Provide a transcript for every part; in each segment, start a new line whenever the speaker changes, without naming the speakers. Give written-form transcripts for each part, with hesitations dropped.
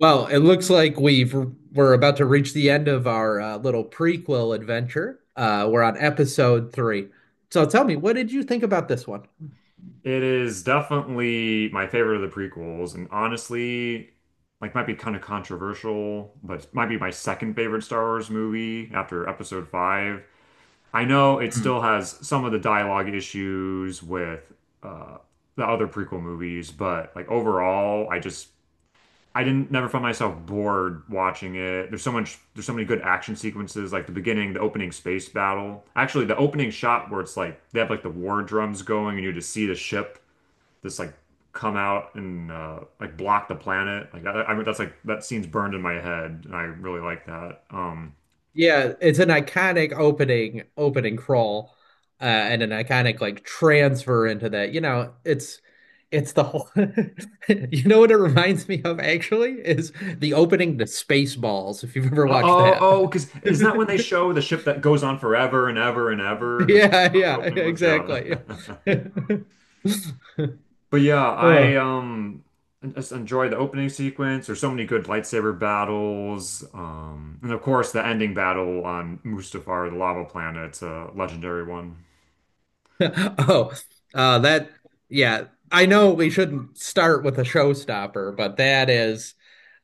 Well, it looks like we're about to reach the end of our little prequel adventure. We're on episode three. So tell me, what did you think about this one?
It is definitely my favorite of the prequels, and honestly, like might be kind of controversial, but it might be my second favorite Star Wars movie after Episode Five. I know it
Hmm.
still has some of the dialogue issues with uh, the other prequel movies, but like overall, I didn't never found myself bored watching it. There's so many good action sequences, like the beginning, the opening space battle. Actually, the opening shot where it's like they have like the war drums going, and you just see the ship this like come out and like block the planet. Like I mean, that's like that scene's burned in my head, and I really like that.
Yeah, it's an iconic opening crawl, and an iconic like transfer into that. You know, it's the whole. You know what it reminds me of actually is the opening to Spaceballs, if you've ever
Oh,
watched
oh,
that.
oh, because isn't that when they show the ship that goes on forever and ever and ever? Is that
Yeah,
what the
yeah,
opening was?
exactly.
Yeah. But yeah, I
Uh,
just enjoy the opening sequence. There's so many good lightsaber battles, and of course the ending battle on Mustafar, the lava planet, it's a legendary one.
Oh, uh, that, yeah. I know we shouldn't start with a showstopper, but that is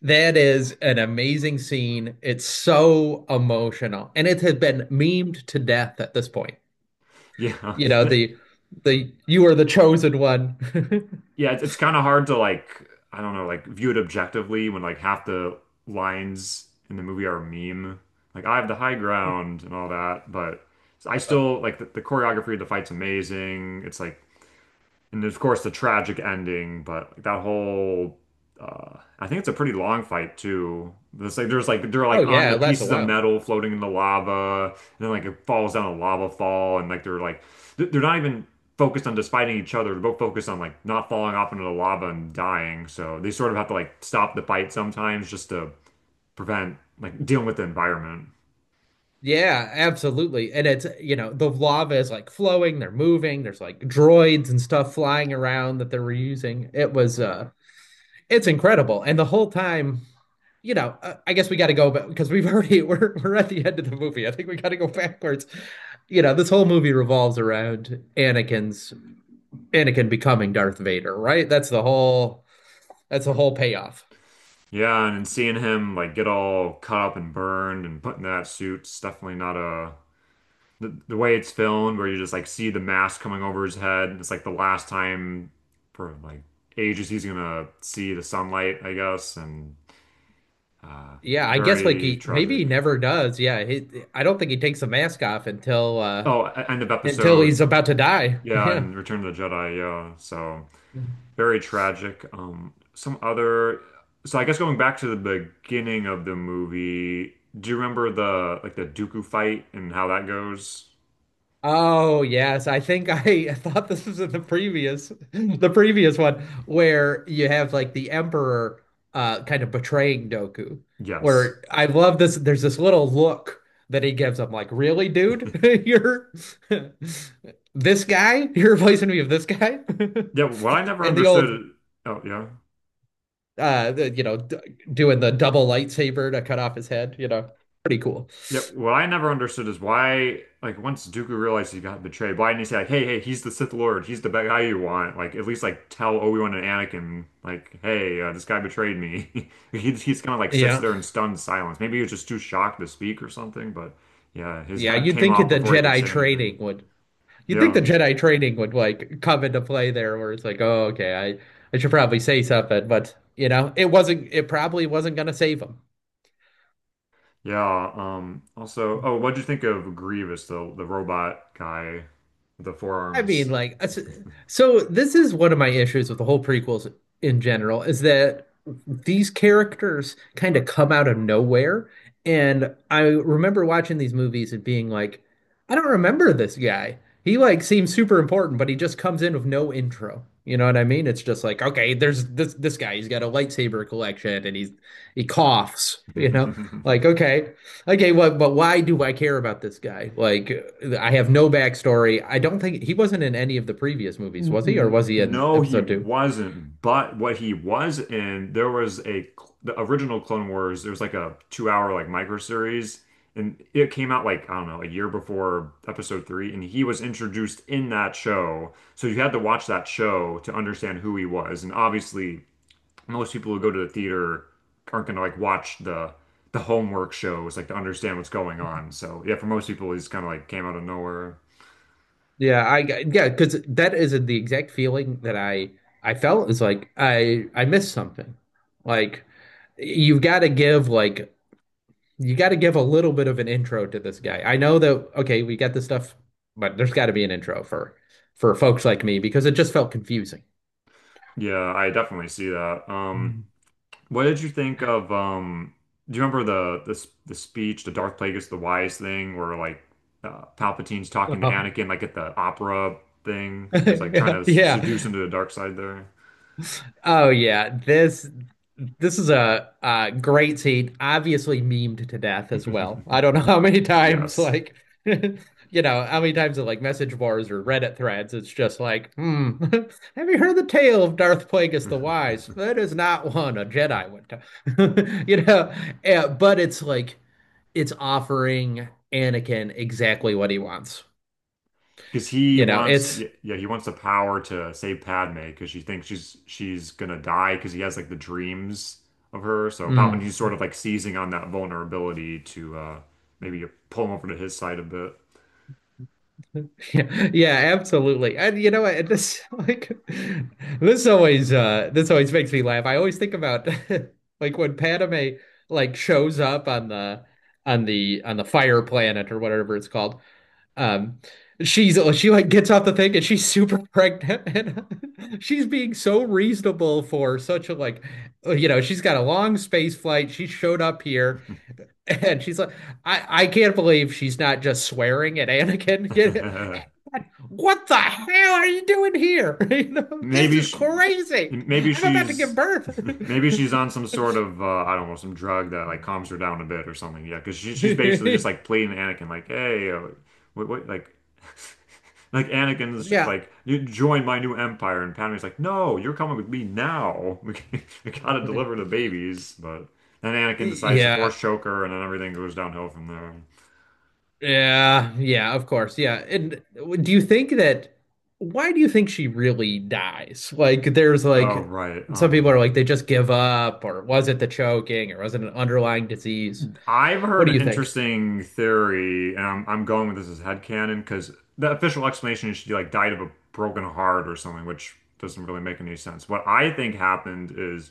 that is an amazing scene. It's so emotional, and it has been memed to death at this point.
Yeah,
You know, the you are the chosen one.
yeah, it's kind of hard to like, I don't know, like view it objectively when like half the lines in the movie are a meme. Like I have the high ground and all that, but I
Uh,
still like the choreography of the fight's amazing. It's like And of course the tragic ending, but like, that whole I think it's a pretty long fight too. There's like they're
Oh
like on
yeah,
the
it lasts a
pieces of
while.
metal floating in the lava, and then like it falls down a lava fall, and like they're not even focused on just fighting each other. They're both focused on like not falling off into the lava and dying. So they sort of have to like stop the fight sometimes just to prevent like dealing with the environment.
Yeah, absolutely. And it's, you know, the lava is like flowing, they're moving, there's like droids and stuff flying around that they were using. It was it's incredible. And the whole time you know, I guess we got to go, but because we've already we're at the end of the movie, I think we got to go backwards. You know, this whole movie revolves around Anakin becoming Darth Vader, right? That's the whole payoff.
Yeah, and seeing him like get all cut up and burned and put in that suit, it's definitely not a— the way it's filmed, where you just like see the mask coming over his head. It's like the last time for like ages he's gonna see the sunlight, I guess, and uh,
Yeah, I guess like
very
he maybe
tragic.
he never does. I don't think he takes the mask off
Oh, end of
until
episode,
he's about to die.
yeah,
Yeah.
and Return of the Jedi, yeah. So very tragic. Some other. So I guess going back to the beginning of the movie, do you remember the Dooku fight and how that goes?
Oh, yes. I think I thought this was in the previous the previous one where you have like the emperor kind of betraying Doku.
Yes.
Where I love this there's this little look that he gives him like, "Really, dude? You're this guy? You're replacing me with this guy?"
Yeah, what I never
And the old
understood. Oh, yeah.
you know d doing the double lightsaber to cut off his head, you know, pretty cool.
Yeah, what I never understood is why, like, once Dooku realized he got betrayed, why didn't he say, like, hey, hey, he's the Sith Lord, he's the bad guy you want? Like, at least, like, tell Obi-Wan and Anakin, like, hey, this guy betrayed me. He's kind of, like, sits
yeah
there in stunned silence. Maybe he was just too shocked to speak or something, but yeah, his
yeah,
head came off before he could say anything.
You'd think the
Yeah,
Jedi training would like come into play there where it's like, oh okay, I should probably say something, but you know it wasn't, it probably wasn't gonna save him.
yeah. Also, oh, what'd you think of Grievous, the robot guy, with the
I mean,
forearms?
like, so this is one of my issues with the whole prequels in general is that these characters kind of come out of nowhere. And I remember watching these movies and being like, I don't remember this guy. He like seems super important, but he just comes in with no intro. You know what I mean? It's just like, okay, there's this guy. He's got a lightsaber collection and he's he coughs, you know? Like, okay. Okay, well, but why do I care about this guy? Like, I have no backstory. I don't think he wasn't in any of the previous movies, was he? Or
N-
was he in
No, he
episode two?
wasn't. But what he was in, there was the original Clone Wars. There was like a 2-hour like micro series, and it came out like I don't know a year before Episode three, and he was introduced in that show. So you had to watch that show to understand who he was. And obviously, most people who go to the theater aren't gonna like watch the homework shows like to understand what's going on. So yeah, for most people, he's kind of like came out of nowhere.
Yeah, I yeah, because that is the exact feeling that I felt, is like I missed something. Like, you've got to give like you got to give a little bit of an intro to this guy. I know that okay, we got this stuff, but there's got to be an intro for folks like me because it just felt confusing.
Yeah, I definitely see that.
Mm.
What did you think of do you remember the speech, the Darth Plagueis the Wise thing, where like Palpatine's talking to Anakin like at the opera thing, where he's like trying to
Yeah,
seduce
yeah.
him to the dark side there?
Oh yeah, this is a, uh, great scene, obviously memed to death as well. I don't know how many times,
Yes.
like, you know, how many times in like message boards or Reddit threads, it's just like, hmm, have you heard the tale of Darth Plagueis the Wise? That is not one a Jedi would tell, you know. But it's like it's offering Anakin exactly what he wants.
Because he
You know,
wants
it's.
yeah, he wants the power to save Padme because she thinks she's gonna die because he has like the dreams of her. So
mm.
Palpatine's sort of like seizing on that vulnerability to maybe pull him over to his side a bit.
Yeah, yeah, absolutely. And you know what? This like this always makes me laugh. I always think about like when Padme like shows up on the fire planet or whatever it's called. Um she's she like gets off the thing and she's super pregnant and she's being so reasonable for such a like, you know, she's got a long space flight. She showed up here and she's like I can't believe she's not just swearing at Anakin. Get it? What the hell are you doing here? You know, this
Maybe
is
she,
crazy.
maybe
I'm about to give
she's,
birth.
maybe she's on some sort of, I don't know, some drug that like calms her down a bit or something. Yeah, because she's basically just like pleading to Anakin, like, hey, what, like, like Anakin's
Yeah.
like, you join my new empire, and Padme's like, no, you're coming with me now. We gotta deliver the babies. But then Anakin decides to
Yeah.
force choke her, and then everything goes downhill from there.
Yeah. Yeah, of course. Yeah. And do you think that why do you think she really dies? Like there's
Oh,
like,
right.
some people are like they just give up, or was it the choking, or was it an underlying disease?
I've
What
heard
do
an
you think?
interesting theory, and I'm going with this as headcanon because the official explanation is she like died of a broken heart or something, which doesn't really make any sense. What I think happened is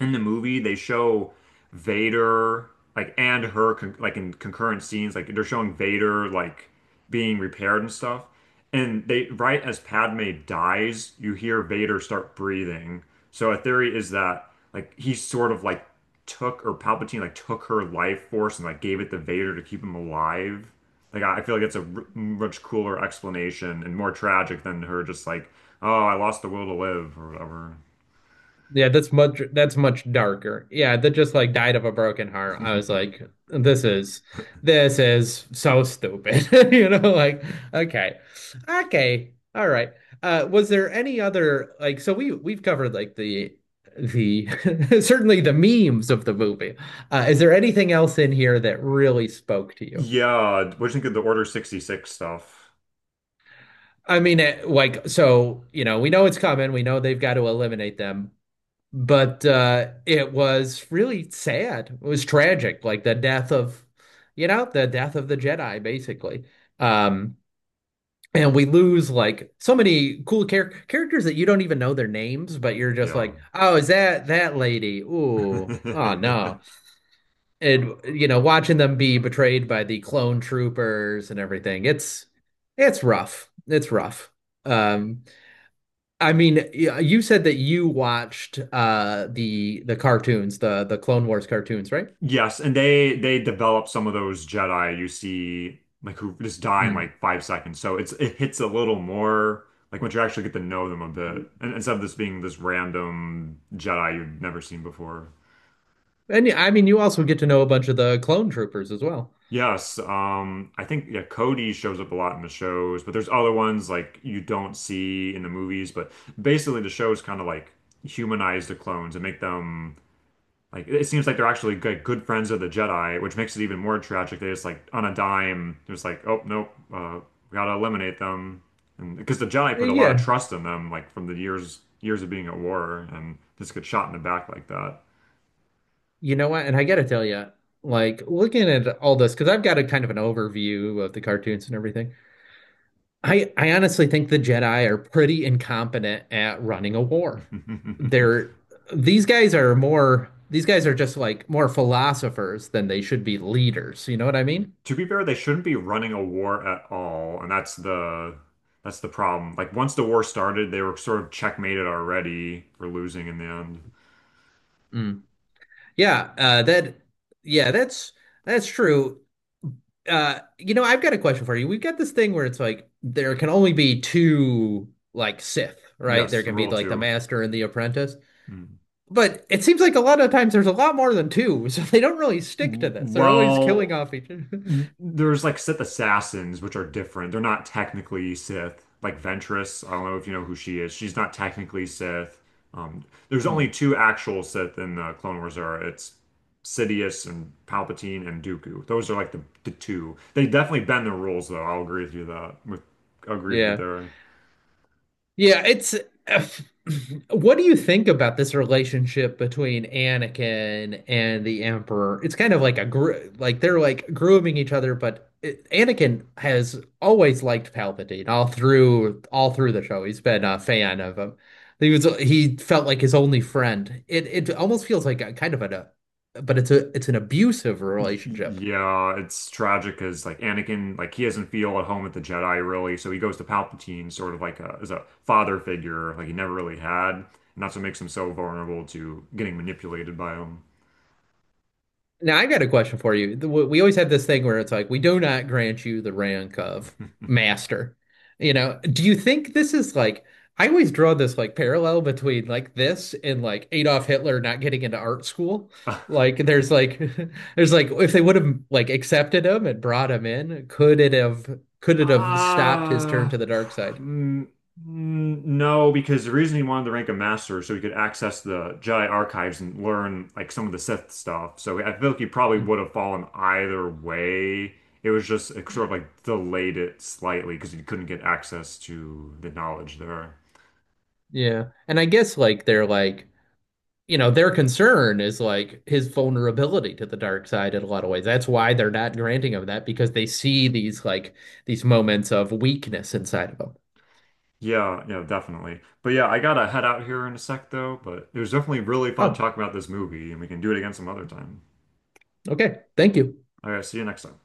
in the movie they show Vader, like, and her con like in concurrent scenes, like they're showing Vader like being repaired and stuff. And they, right as Padme dies, you hear Vader start breathing, so a theory is that like he sort of like took, or Palpatine like took her life force and like gave it to Vader to keep him alive. Like I feel like it's a much cooler explanation and more tragic than her just like, oh, I lost the will to live or whatever.
Yeah, that's much darker. Yeah, that just like died of a broken heart. I was like, this is this is so stupid. You know, like, okay. Okay. All right. Was there any other like, so we we've covered like the certainly the memes of the movie. Uh, is there anything else in here that really spoke to you?
Yeah, what do you think of the Order 66 stuff?
I mean, it, like, so, you know, we know it's coming. We know they've got to eliminate them. But it was really sad. It was tragic, like the death of, you know, the death of the Jedi, basically. Um, and we lose like so many cool characters that you don't even know their names, but you're just
Yeah.
like, oh, is that that lady? Ooh, oh no. And you know, watching them be betrayed by the clone troopers and everything, it's rough. It's rough. Um, I mean, yeah, you said that you watched the cartoons, the Clone Wars cartoons, right?
Yes, and they develop some of those Jedi you see like who just die in
Mm.
like 5 seconds. So it hits a little more like once you actually get to know them a bit. And instead of this being this random Jedi you've never seen before.
And yeah, I mean, you also get to know a bunch of the clone troopers as well.
Yes, I think yeah Cody shows up a lot in the shows, but there's other ones like you don't see in the movies, but basically the shows kind of like humanize the clones and make them. Like, it seems like they're actually good, good friends of the Jedi, which makes it even more tragic. They just like on a dime, they're just like, oh nope, we gotta eliminate them, and because the Jedi put a lot of
Yeah,
trust in them, like from the years of being at war, and just get shot in the back like that.
you know what? And I gotta tell you, like looking at all this, because I've got a kind of an overview of the cartoons and everything. I honestly think the Jedi are pretty incompetent at running a war. They're these guys are just like more philosophers than they should be leaders. You know what I mean?
To be fair, they shouldn't be running a war at all, and that's the problem. Like once the war started, they were sort of checkmated already for losing in the end.
Mm. Yeah, uh, that yeah, that's true. You know, I've got a question for you. We've got this thing where it's like there can only be two like Sith, right?
Yes,
There
the
can be
rule
like the
two.
master and the apprentice.
Mm.
But it seems like a lot of times there's a lot more than two, so they don't really stick to this. They're always killing
Well,
off each other.
there's like Sith assassins, which are different. They're not technically Sith. Like Ventress, I don't know if you know who she is. She's not technically Sith. Um, there's
Hmm.
only two actual Sith in the Clone Wars era. It's Sidious and Palpatine and Dooku. Those are like the two. They definitely bend the rules, though. I'll agree with you that. I'll agree with you
Yeah.
there.
Yeah, it's what do you think about this relationship between Anakin and the Emperor? It's kind of like a gr like they're like grooming each other, but Anakin has always liked Palpatine all through the show. He's been a fan of him. He felt like his only friend. It almost feels like a kind of an but it's an abusive
Y- y-
relationship.
Yeah, it's tragic because like Anakin, like he doesn't feel at home with the Jedi really, so he goes to Palpatine, sort of like as a father figure, like he never really had, and that's what makes him so vulnerable to getting manipulated by him.
Now I've got a question for you. We always have this thing where it's like, we do not grant you the rank of master. You know, do you think this is like, I always draw this like parallel between like this and like Adolf Hitler not getting into art school. Like there's like there's like, if they would have like accepted him and brought him in, could it have stopped his turn
Uh,
to the dark side?
mm, mm, no, because the reason he wanted to rank a master is so he could access the Jedi archives and learn like some of the Sith stuff. So I feel like he probably
Mm,
would have fallen either way. It was just it sort of
mm.
like delayed it slightly because he couldn't get access to the knowledge there.
Yeah. And I guess like they're like, you know, their concern is like his vulnerability to the dark side in a lot of ways. That's why they're not granting him that because they see these like these moments of weakness inside of him.
Yeah, yeah, definitely. But yeah, I gotta head out here in a sec though. But it was definitely really fun
Oh,
talking about this movie, and we can do it again some other time.
okay. Thank you.
All right, see you next time.